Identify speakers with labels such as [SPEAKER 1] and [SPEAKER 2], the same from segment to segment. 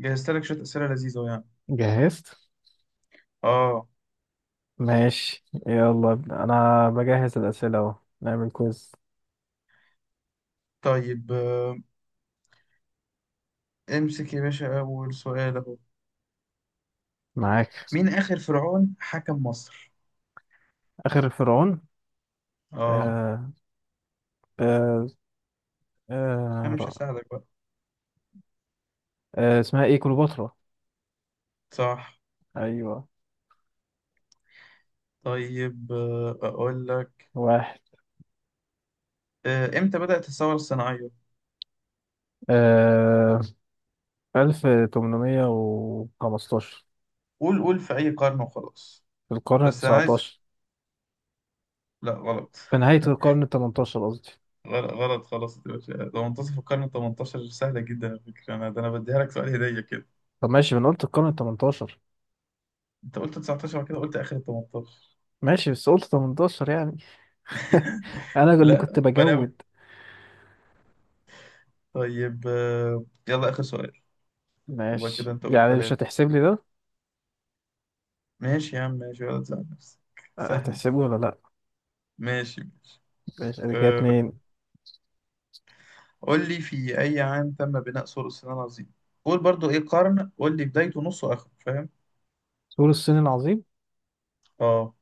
[SPEAKER 1] جهزت لك شوية أسئلة لذيذة يعني
[SPEAKER 2] جهزت.
[SPEAKER 1] آه.
[SPEAKER 2] ماشي يلا ابدأ. انا بجهز الأسئلة اهو. نعمل كويز.
[SPEAKER 1] طيب. امسك يا باشا أول سؤال أهو.
[SPEAKER 2] معاك.
[SPEAKER 1] مين آخر فرعون حكم مصر؟
[SPEAKER 2] آخر فرعون.
[SPEAKER 1] آه.
[SPEAKER 2] آه آه آه
[SPEAKER 1] أنا مش
[SPEAKER 2] رأ-
[SPEAKER 1] هساعدك بقى.
[SPEAKER 2] اسمها ايه كليوباترا.
[SPEAKER 1] صح.
[SPEAKER 2] ايوه.
[SPEAKER 1] طيب، أقول لك.
[SPEAKER 2] واحد.
[SPEAKER 1] إمتى بدأت الثورة الصناعية؟
[SPEAKER 2] آه 1815.
[SPEAKER 1] قول، في أي قرن وخلاص.
[SPEAKER 2] في القرن
[SPEAKER 1] بس أنا عايز.
[SPEAKER 2] التسعتاشر.
[SPEAKER 1] لا غلط.
[SPEAKER 2] في نهاية القرن التمنتاشر قصدي.
[SPEAKER 1] غلط خلاص يا باشا، ده منتصف القرن 18، سهلة جدا على فكرة. أنا أنا بديها لك سؤال هدية كده.
[SPEAKER 2] طب ماشي، ما انا قلت القرن التمنتاشر.
[SPEAKER 1] أنت قلت 19 وبعد كده قلت آخر 18.
[SPEAKER 2] ماشي، بس قلت تمنتاشر يعني. انا اللي كنت
[SPEAKER 1] لا غلابة.
[SPEAKER 2] بجود.
[SPEAKER 1] طيب، يلا آخر سؤال. هو كده
[SPEAKER 2] ماشي،
[SPEAKER 1] انت قلت
[SPEAKER 2] يعني مش
[SPEAKER 1] ثلاثة.
[SPEAKER 2] هتحسب لي ده.
[SPEAKER 1] ماشي يا عم، ماشي، ولا تزعل نفسك. سهلة.
[SPEAKER 2] هتحسبه ولا لا؟
[SPEAKER 1] ماشي.
[SPEAKER 2] بسألك يا
[SPEAKER 1] أه.
[SPEAKER 2] اتنين.
[SPEAKER 1] قول لي في أي عام تم بناء سور الصين العظيم. قول برضو إيه قرن، قول لي بدايته نصه آخره فاهم.
[SPEAKER 2] سور الصين العظيم.
[SPEAKER 1] اه.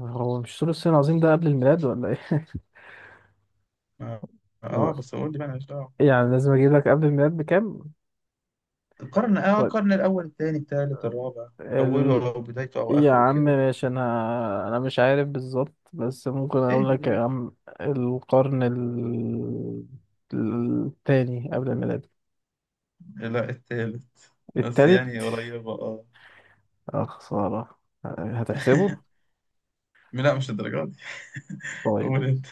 [SPEAKER 2] هو مش سور الصين العظيم ده قبل الميلاد ولا ايه؟
[SPEAKER 1] اه.
[SPEAKER 2] و...
[SPEAKER 1] بس قول لي بقى ماليش دعوة.
[SPEAKER 2] يعني لازم اجيب لك قبل الميلاد بكام.
[SPEAKER 1] القرن،
[SPEAKER 2] طيب.
[SPEAKER 1] القرن الأول الثاني الثالث الرابع.
[SPEAKER 2] ال...
[SPEAKER 1] أوله أو بدايته أو
[SPEAKER 2] يا
[SPEAKER 1] آخره
[SPEAKER 2] عم
[SPEAKER 1] كده.
[SPEAKER 2] ماشي، انا مش عارف بالظبط، بس ممكن
[SPEAKER 1] إيه
[SPEAKER 2] اقول
[SPEAKER 1] بدي
[SPEAKER 2] لك يا
[SPEAKER 1] باشا.
[SPEAKER 2] عم. القرن ال... التاني قبل الميلاد.
[SPEAKER 1] لا، الثالث. بس
[SPEAKER 2] التالت.
[SPEAKER 1] يعني قريبة اه.
[SPEAKER 2] اه خسارة. هتحسبه؟
[SPEAKER 1] لا، مش الدرجات دي.
[SPEAKER 2] طيب.
[SPEAKER 1] قول أنت.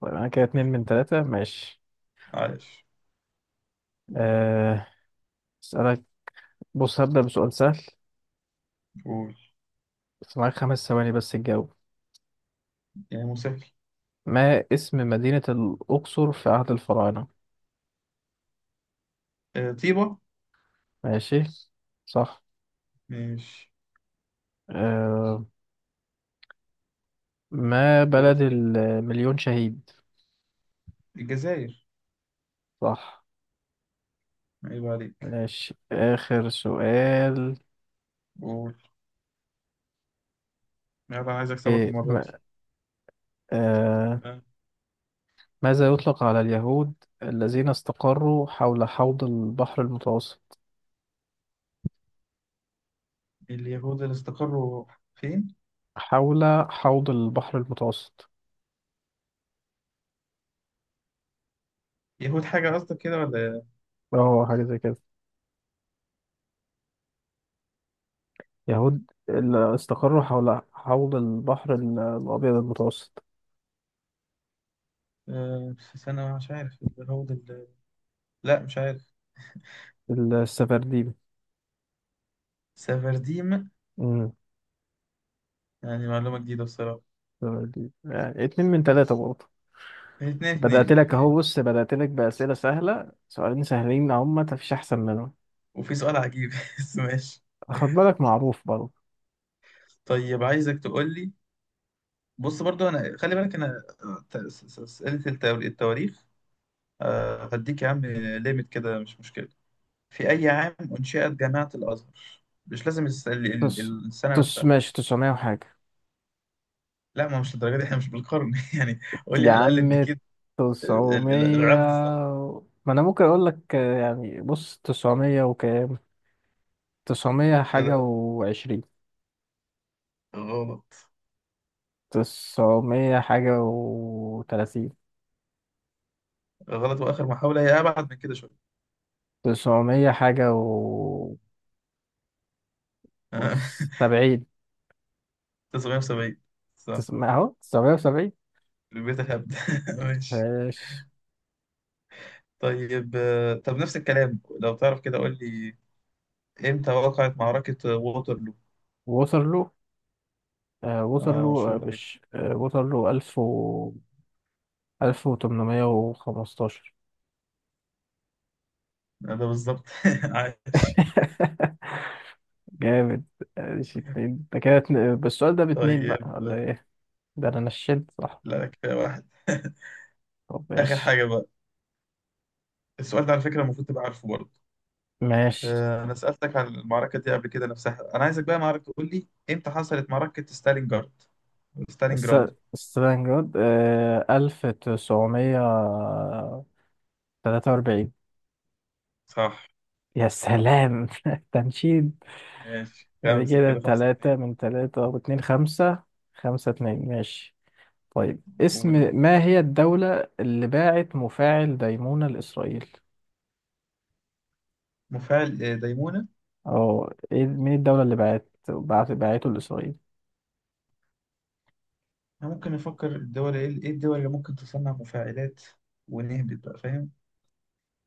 [SPEAKER 2] طيب انا كده اتنين من تلاتة، ماشي.
[SPEAKER 1] عايش.
[SPEAKER 2] أه... اسألك. بص هبدأ بسؤال سهل.
[SPEAKER 1] قول.
[SPEAKER 2] بس معاك 5 ثواني بس تجاوب.
[SPEAKER 1] يعني مسهل.
[SPEAKER 2] ما اسم مدينة الأقصر في عهد الفراعنة؟
[SPEAKER 1] أه، طيبة.
[SPEAKER 2] ماشي. صح.
[SPEAKER 1] ماشي.
[SPEAKER 2] آه. ما
[SPEAKER 1] قول.
[SPEAKER 2] بلد المليون شهيد؟
[SPEAKER 1] الجزائر.
[SPEAKER 2] صح.
[SPEAKER 1] عيب عليك.
[SPEAKER 2] ماشي آخر سؤال.
[SPEAKER 1] قول. يلا عايز اكسبك
[SPEAKER 2] إيه
[SPEAKER 1] المرة دي.
[SPEAKER 2] ما آه
[SPEAKER 1] ها.
[SPEAKER 2] ماذا يطلق على اليهود الذين استقروا حول حوض البحر المتوسط؟
[SPEAKER 1] اليهود اللي استقروا فين؟
[SPEAKER 2] حول حوض البحر المتوسط.
[SPEAKER 1] يهود حاجة قصدك كده ولا إيه؟
[SPEAKER 2] اه حاجة زي كده. يهود اللي استقروا حول حوض البحر الأبيض المتوسط.
[SPEAKER 1] آه، في سنة مش عارف اليهود اللي... لا مش عارف.
[SPEAKER 2] السفرديم.
[SPEAKER 1] سفرديم. يعني معلومة جديدة بصراحة.
[SPEAKER 2] يعني اتنين من تلاتة برضه.
[SPEAKER 1] اتنين اتنين.
[SPEAKER 2] بدأت لك بأسئلة سهلة، سؤالين سهلين أهما مفيش أحسن منهم.
[SPEAKER 1] وفي سؤال عجيب بس ماشي.
[SPEAKER 2] خد بالك معروف برضه.
[SPEAKER 1] طيب عايزك تقول لي. بص برضو انا خلي بالك انا، اسئلة التواريخ. هديك يا عم ليميت كده، مش مشكلة. في أي عام أنشئت جامعة الأزهر؟ مش لازم
[SPEAKER 2] تس
[SPEAKER 1] السنة
[SPEAKER 2] تس
[SPEAKER 1] نفسها.
[SPEAKER 2] ماشي تسعمية وحاجة.
[SPEAKER 1] لا، ما مش للدرجة دي، احنا مش بالقرن يعني. قول لي
[SPEAKER 2] يا
[SPEAKER 1] على الأقل
[SPEAKER 2] عم
[SPEAKER 1] الديكيد.
[SPEAKER 2] تسعمية.
[SPEAKER 1] العقد صح.
[SPEAKER 2] ما أنا ممكن أقول لك، يعني بص تسعمية وكام. تسعمية حاجة
[SPEAKER 1] لا
[SPEAKER 2] وعشرين.
[SPEAKER 1] غلط.
[SPEAKER 2] تسعمية حاجة وتلاتين.
[SPEAKER 1] وآخر محاولة، هي أبعد من كده شوية.
[SPEAKER 2] تسعمية حاجة و وسبعين.
[SPEAKER 1] 1970. صح.
[SPEAKER 2] تسعمية أهو، 970.
[SPEAKER 1] البيت الهبد. ماشي.
[SPEAKER 2] ماشي.
[SPEAKER 1] طيب، طب نفس الكلام لو تعرف كده قول لي. امتى وقعت معركة ووترلو؟
[SPEAKER 2] ووصل له، وصل
[SPEAKER 1] اه
[SPEAKER 2] له، آه،
[SPEAKER 1] مشهورة ايه.
[SPEAKER 2] مش آه، وصل له 1815.
[SPEAKER 1] ده بالظبط. عاش.
[SPEAKER 2] جامد. ماشي اتنين ده كده اتنين- بس السؤال ده باتنين بقى
[SPEAKER 1] طيب.
[SPEAKER 2] ولا ايه؟ ده انا نشنت صح.
[SPEAKER 1] لا كده واحد.
[SPEAKER 2] طب
[SPEAKER 1] آخر
[SPEAKER 2] ماشي.
[SPEAKER 1] حاجة بقى. السؤال ده على فكرة المفروض تبقى عارفه برضه.
[SPEAKER 2] ماشي.
[SPEAKER 1] أنا سألتك عن المعركة دي قبل كده نفسها. أنا عايزك بقى معركة تقول لي إمتى حصلت معركة ستالينجراد.
[SPEAKER 2] الس-
[SPEAKER 1] ستالينجراد دي.
[SPEAKER 2] ستالينجراد. 1943.
[SPEAKER 1] صح.
[SPEAKER 2] يا سلام تنشيد.
[SPEAKER 1] ماشي
[SPEAKER 2] بعد
[SPEAKER 1] خمسة
[SPEAKER 2] كده
[SPEAKER 1] كده، خمسة اتنين.
[SPEAKER 2] تلاتة من تلاتة واتنين خمسة. خمسة اتنين ماشي. طيب اسم.
[SPEAKER 1] قول بقى.
[SPEAKER 2] ما هي الدولة اللي باعت مفاعل ديمونة لإسرائيل؟
[SPEAKER 1] مفاعل ديمونة.
[SPEAKER 2] أو إيه، مين الدولة اللي باعته لإسرائيل؟
[SPEAKER 1] أنا ممكن نفكر الدول، إيه إيه الدول اللي ممكن تصنع مفاعلات، ونهبط بقى فاهم.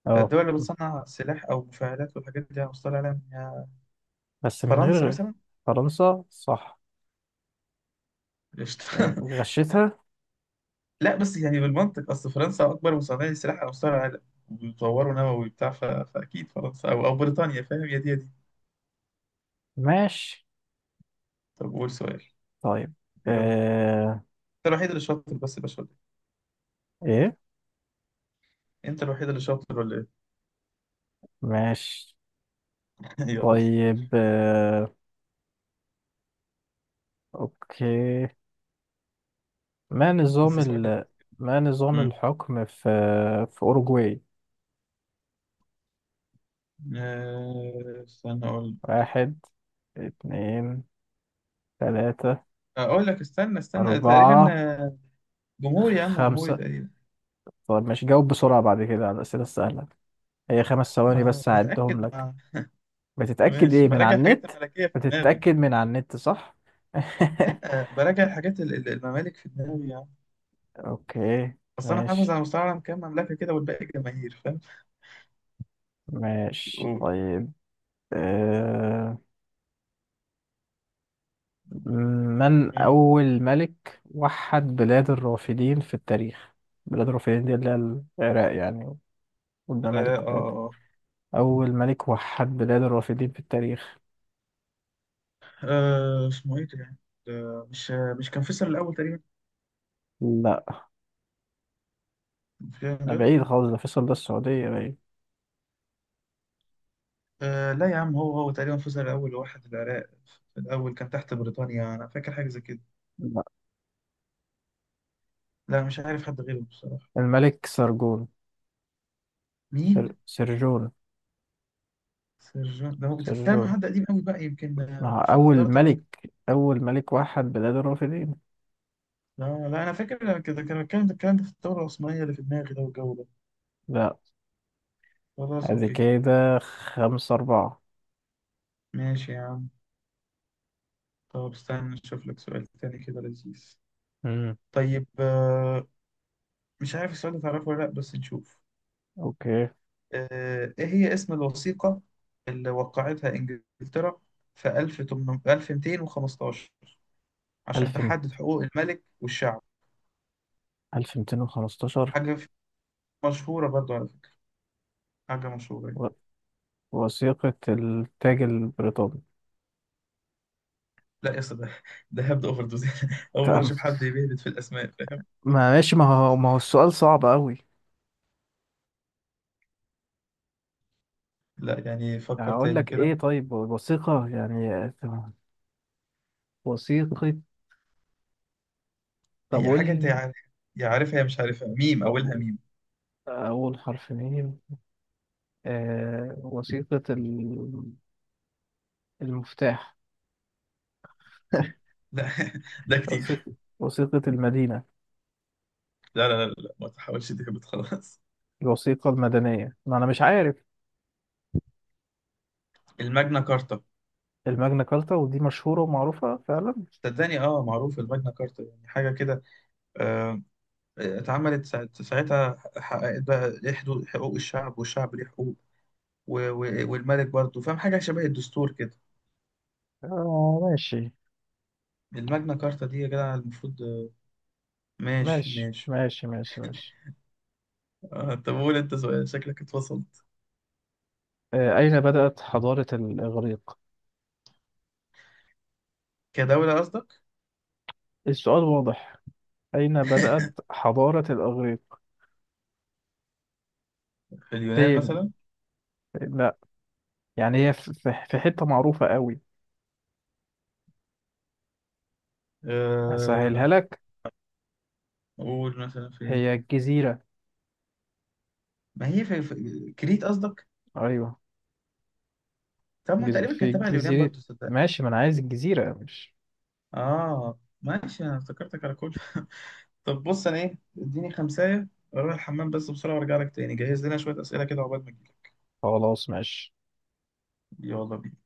[SPEAKER 2] أه
[SPEAKER 1] فالدول اللي بتصنع سلاح أو مفاعلات والحاجات دي هنصطلح عليها إن هي.
[SPEAKER 2] بس من
[SPEAKER 1] فرنسا
[SPEAKER 2] غير.
[SPEAKER 1] مثلا.
[SPEAKER 2] فرنسا صح.
[SPEAKER 1] قشطة.
[SPEAKER 2] غشيتها.
[SPEAKER 1] لا بس يعني بالمنطق، اصل فرنسا اكبر مصنع سلاح على مستوى العالم وبيطوروا نووي بتاع فاكيد فرنسا او بريطانيا فاهم، يا دي يا دي.
[SPEAKER 2] ماشي.
[SPEAKER 1] طب قول سؤال.
[SPEAKER 2] طيب
[SPEAKER 1] يلا.
[SPEAKER 2] آه...
[SPEAKER 1] انت الوحيد اللي شاطر بس يا باشا ولا.
[SPEAKER 2] إيه
[SPEAKER 1] إيه؟ انت الوحيد اللي شاطر ولا ايه؟
[SPEAKER 2] ماشي.
[SPEAKER 1] يلا.
[SPEAKER 2] طيب. أوكي. ما نظام
[SPEAKER 1] بس سؤال.
[SPEAKER 2] ال... ما نظام
[SPEAKER 1] امم.
[SPEAKER 2] الحكم في أوروجواي؟
[SPEAKER 1] استنى اقول.
[SPEAKER 2] واحد اتنين تلاتة
[SPEAKER 1] اقول لك استنى تقريبا
[SPEAKER 2] أربعة
[SPEAKER 1] آه، جمهوري يا عم، جمهوري
[SPEAKER 2] خمسة.
[SPEAKER 1] تقريبا.
[SPEAKER 2] طب ماشي جاوب بسرعة بعد كده على الأسئلة السهلة. هي 5 ثواني
[SPEAKER 1] ما
[SPEAKER 2] بس هعدهم
[SPEAKER 1] بتاكد
[SPEAKER 2] لك.
[SPEAKER 1] مع.
[SPEAKER 2] بتتأكد
[SPEAKER 1] ماشي،
[SPEAKER 2] إيه من
[SPEAKER 1] براجع
[SPEAKER 2] على
[SPEAKER 1] الحاجات
[SPEAKER 2] النت؟
[SPEAKER 1] الملكيه في دماغي.
[SPEAKER 2] بتتأكد من على النت صح؟
[SPEAKER 1] لا، آه، براجع الحاجات الممالك في دماغي يا عم.
[SPEAKER 2] أوكي.
[SPEAKER 1] اصل انا حافظ
[SPEAKER 2] ماشي
[SPEAKER 1] على مستوى العالم كام مملكه كده والباقي جماهير.
[SPEAKER 2] ماشي
[SPEAKER 1] أوه.
[SPEAKER 2] طيب. آه... من
[SPEAKER 1] امم.
[SPEAKER 2] أول ملك وحد بلاد الرافدين في التاريخ؟ بلاد الرافدين دي اللي هي العراق يعني، والممالك
[SPEAKER 1] العراق، اه
[SPEAKER 2] بتاعتها.
[SPEAKER 1] اه.
[SPEAKER 2] أول ملك وحد بلاد الرافدين في التاريخ.
[SPEAKER 1] آه، آه، اسمه ايه ده؟ ده مش، مش كان فيصل الاول تقريبا،
[SPEAKER 2] لا
[SPEAKER 1] في
[SPEAKER 2] ده
[SPEAKER 1] جد.
[SPEAKER 2] بعيد خالص، ده فيصل، ده السعودية بعيد.
[SPEAKER 1] آه لا يا عم، هو تقريبا فيصل الاول واحد العراق. في الاول كان تحت بريطانيا، انا فاكر حاجه زي كده. لا مش عارف حد غيره بصراحه.
[SPEAKER 2] الملك سرجون.
[SPEAKER 1] مين؟
[SPEAKER 2] سرجون.
[SPEAKER 1] سيرجون ده، هو بتتكلم عن
[SPEAKER 2] سرجون.
[SPEAKER 1] حد قديم قوي بقى، يمكن
[SPEAKER 2] ما هو
[SPEAKER 1] في
[SPEAKER 2] أول
[SPEAKER 1] الحضاره اللي
[SPEAKER 2] ملك
[SPEAKER 1] فاتت.
[SPEAKER 2] أول ملك وحد بلاد الرافدين.
[SPEAKER 1] لا انا فاكر كده كان الكلام ده، في الثوره العثمانيه اللي في دماغي ده والجو ده.
[SPEAKER 2] لا.
[SPEAKER 1] خلاص
[SPEAKER 2] هذه
[SPEAKER 1] اوكي.
[SPEAKER 2] كده خمسة أربعة.
[SPEAKER 1] ماشي يا عم. طب استنى نشوف لك سؤال تاني كده لذيذ.
[SPEAKER 2] امم
[SPEAKER 1] طيب، مش عارف السؤال ده تعرفه ولا لأ بس نشوف.
[SPEAKER 2] أوكي.
[SPEAKER 1] إيه هي اسم الوثيقة اللي وقعتها إنجلترا في 1215 عشان
[SPEAKER 2] ألف،
[SPEAKER 1] تحدد حقوق الملك والشعب.
[SPEAKER 2] ألف ميتين وخمستاشر.
[SPEAKER 1] حاجة في- مشهورة برضو على فكرة، حاجة مشهورة يعني.
[SPEAKER 2] و... وثيقة التاج البريطاني.
[SPEAKER 1] لا يا اسطى ده، ده هبد أوفر دوز. أول مرة
[SPEAKER 2] تمام.
[SPEAKER 1] أشوف حد بيهبد في الأسماء فاهم.
[SPEAKER 2] ما هو السؤال صعب أوي.
[SPEAKER 1] لا يعني فكر
[SPEAKER 2] أقول
[SPEAKER 1] تاني
[SPEAKER 2] لك إيه
[SPEAKER 1] كده.
[SPEAKER 2] طيب وثيقة يعني. تمام. وثيقة. طب
[SPEAKER 1] هي
[SPEAKER 2] قول
[SPEAKER 1] حاجة أنت
[SPEAKER 2] لي-
[SPEAKER 1] يا، يا عارفها يا مش عارفها، ميم،
[SPEAKER 2] طب
[SPEAKER 1] أولها ميم.
[SPEAKER 2] أول حرف مين؟ آه... وثيقة ال... المفتاح.
[SPEAKER 1] لا ده كتير.
[SPEAKER 2] وثيقة. وثيقة المدينة.
[SPEAKER 1] لا ما تحاولش تهبط خلاص.
[SPEAKER 2] الوثيقة المدنية، ما أنا مش عارف.
[SPEAKER 1] الماجنا كارتا.
[SPEAKER 2] الماجنا كارتا ودي مشهورة ومعروفة فعلا.
[SPEAKER 1] صدقني اه، معروف الماجنا كارتا، يعني حاجه كده. آه، اتعملت ساعتها حققت بقى ليه حدود حقوق الشعب، والشعب ليه حقوق والملك برضه، فاهم حاجه شبه الدستور كده.
[SPEAKER 2] آه
[SPEAKER 1] الماجنا كارتا دي يا جدع المفروض آه. ماشي ماشي
[SPEAKER 2] ماشي
[SPEAKER 1] آه، طب قول انت سؤال، شكلك اتفصلت.
[SPEAKER 2] أين بدأت حضارة الإغريق؟
[SPEAKER 1] كدوله قصدك.
[SPEAKER 2] إيه السؤال واضح، أين بدأت حضارة الإغريق؟
[SPEAKER 1] في اليونان مثلا.
[SPEAKER 2] فين؟ لا يعني هي في حتة معروفة قوي.
[SPEAKER 1] آه،
[SPEAKER 2] أسهلها لك.
[SPEAKER 1] قول مثلا فين.
[SPEAKER 2] هي الجزيرة.
[SPEAKER 1] ما هي كريت قصدك.
[SPEAKER 2] أيوه.
[SPEAKER 1] طب ما تقريبا
[SPEAKER 2] في
[SPEAKER 1] كانت تبع اليونان
[SPEAKER 2] جزيرة.
[SPEAKER 1] برضه صدق.
[SPEAKER 2] ماشي ما أنا عايز الجزيرة مش.
[SPEAKER 1] اه ماشي انا افتكرتك على كل. طب بص انا ايه اديني خمسة، اروح الحمام بس بسرعة وارجع لك تاني، جهز لنا شوية اسئلة كده عقبال ما اجيلك.
[SPEAKER 2] خلاص ماشي.
[SPEAKER 1] يلا بينا.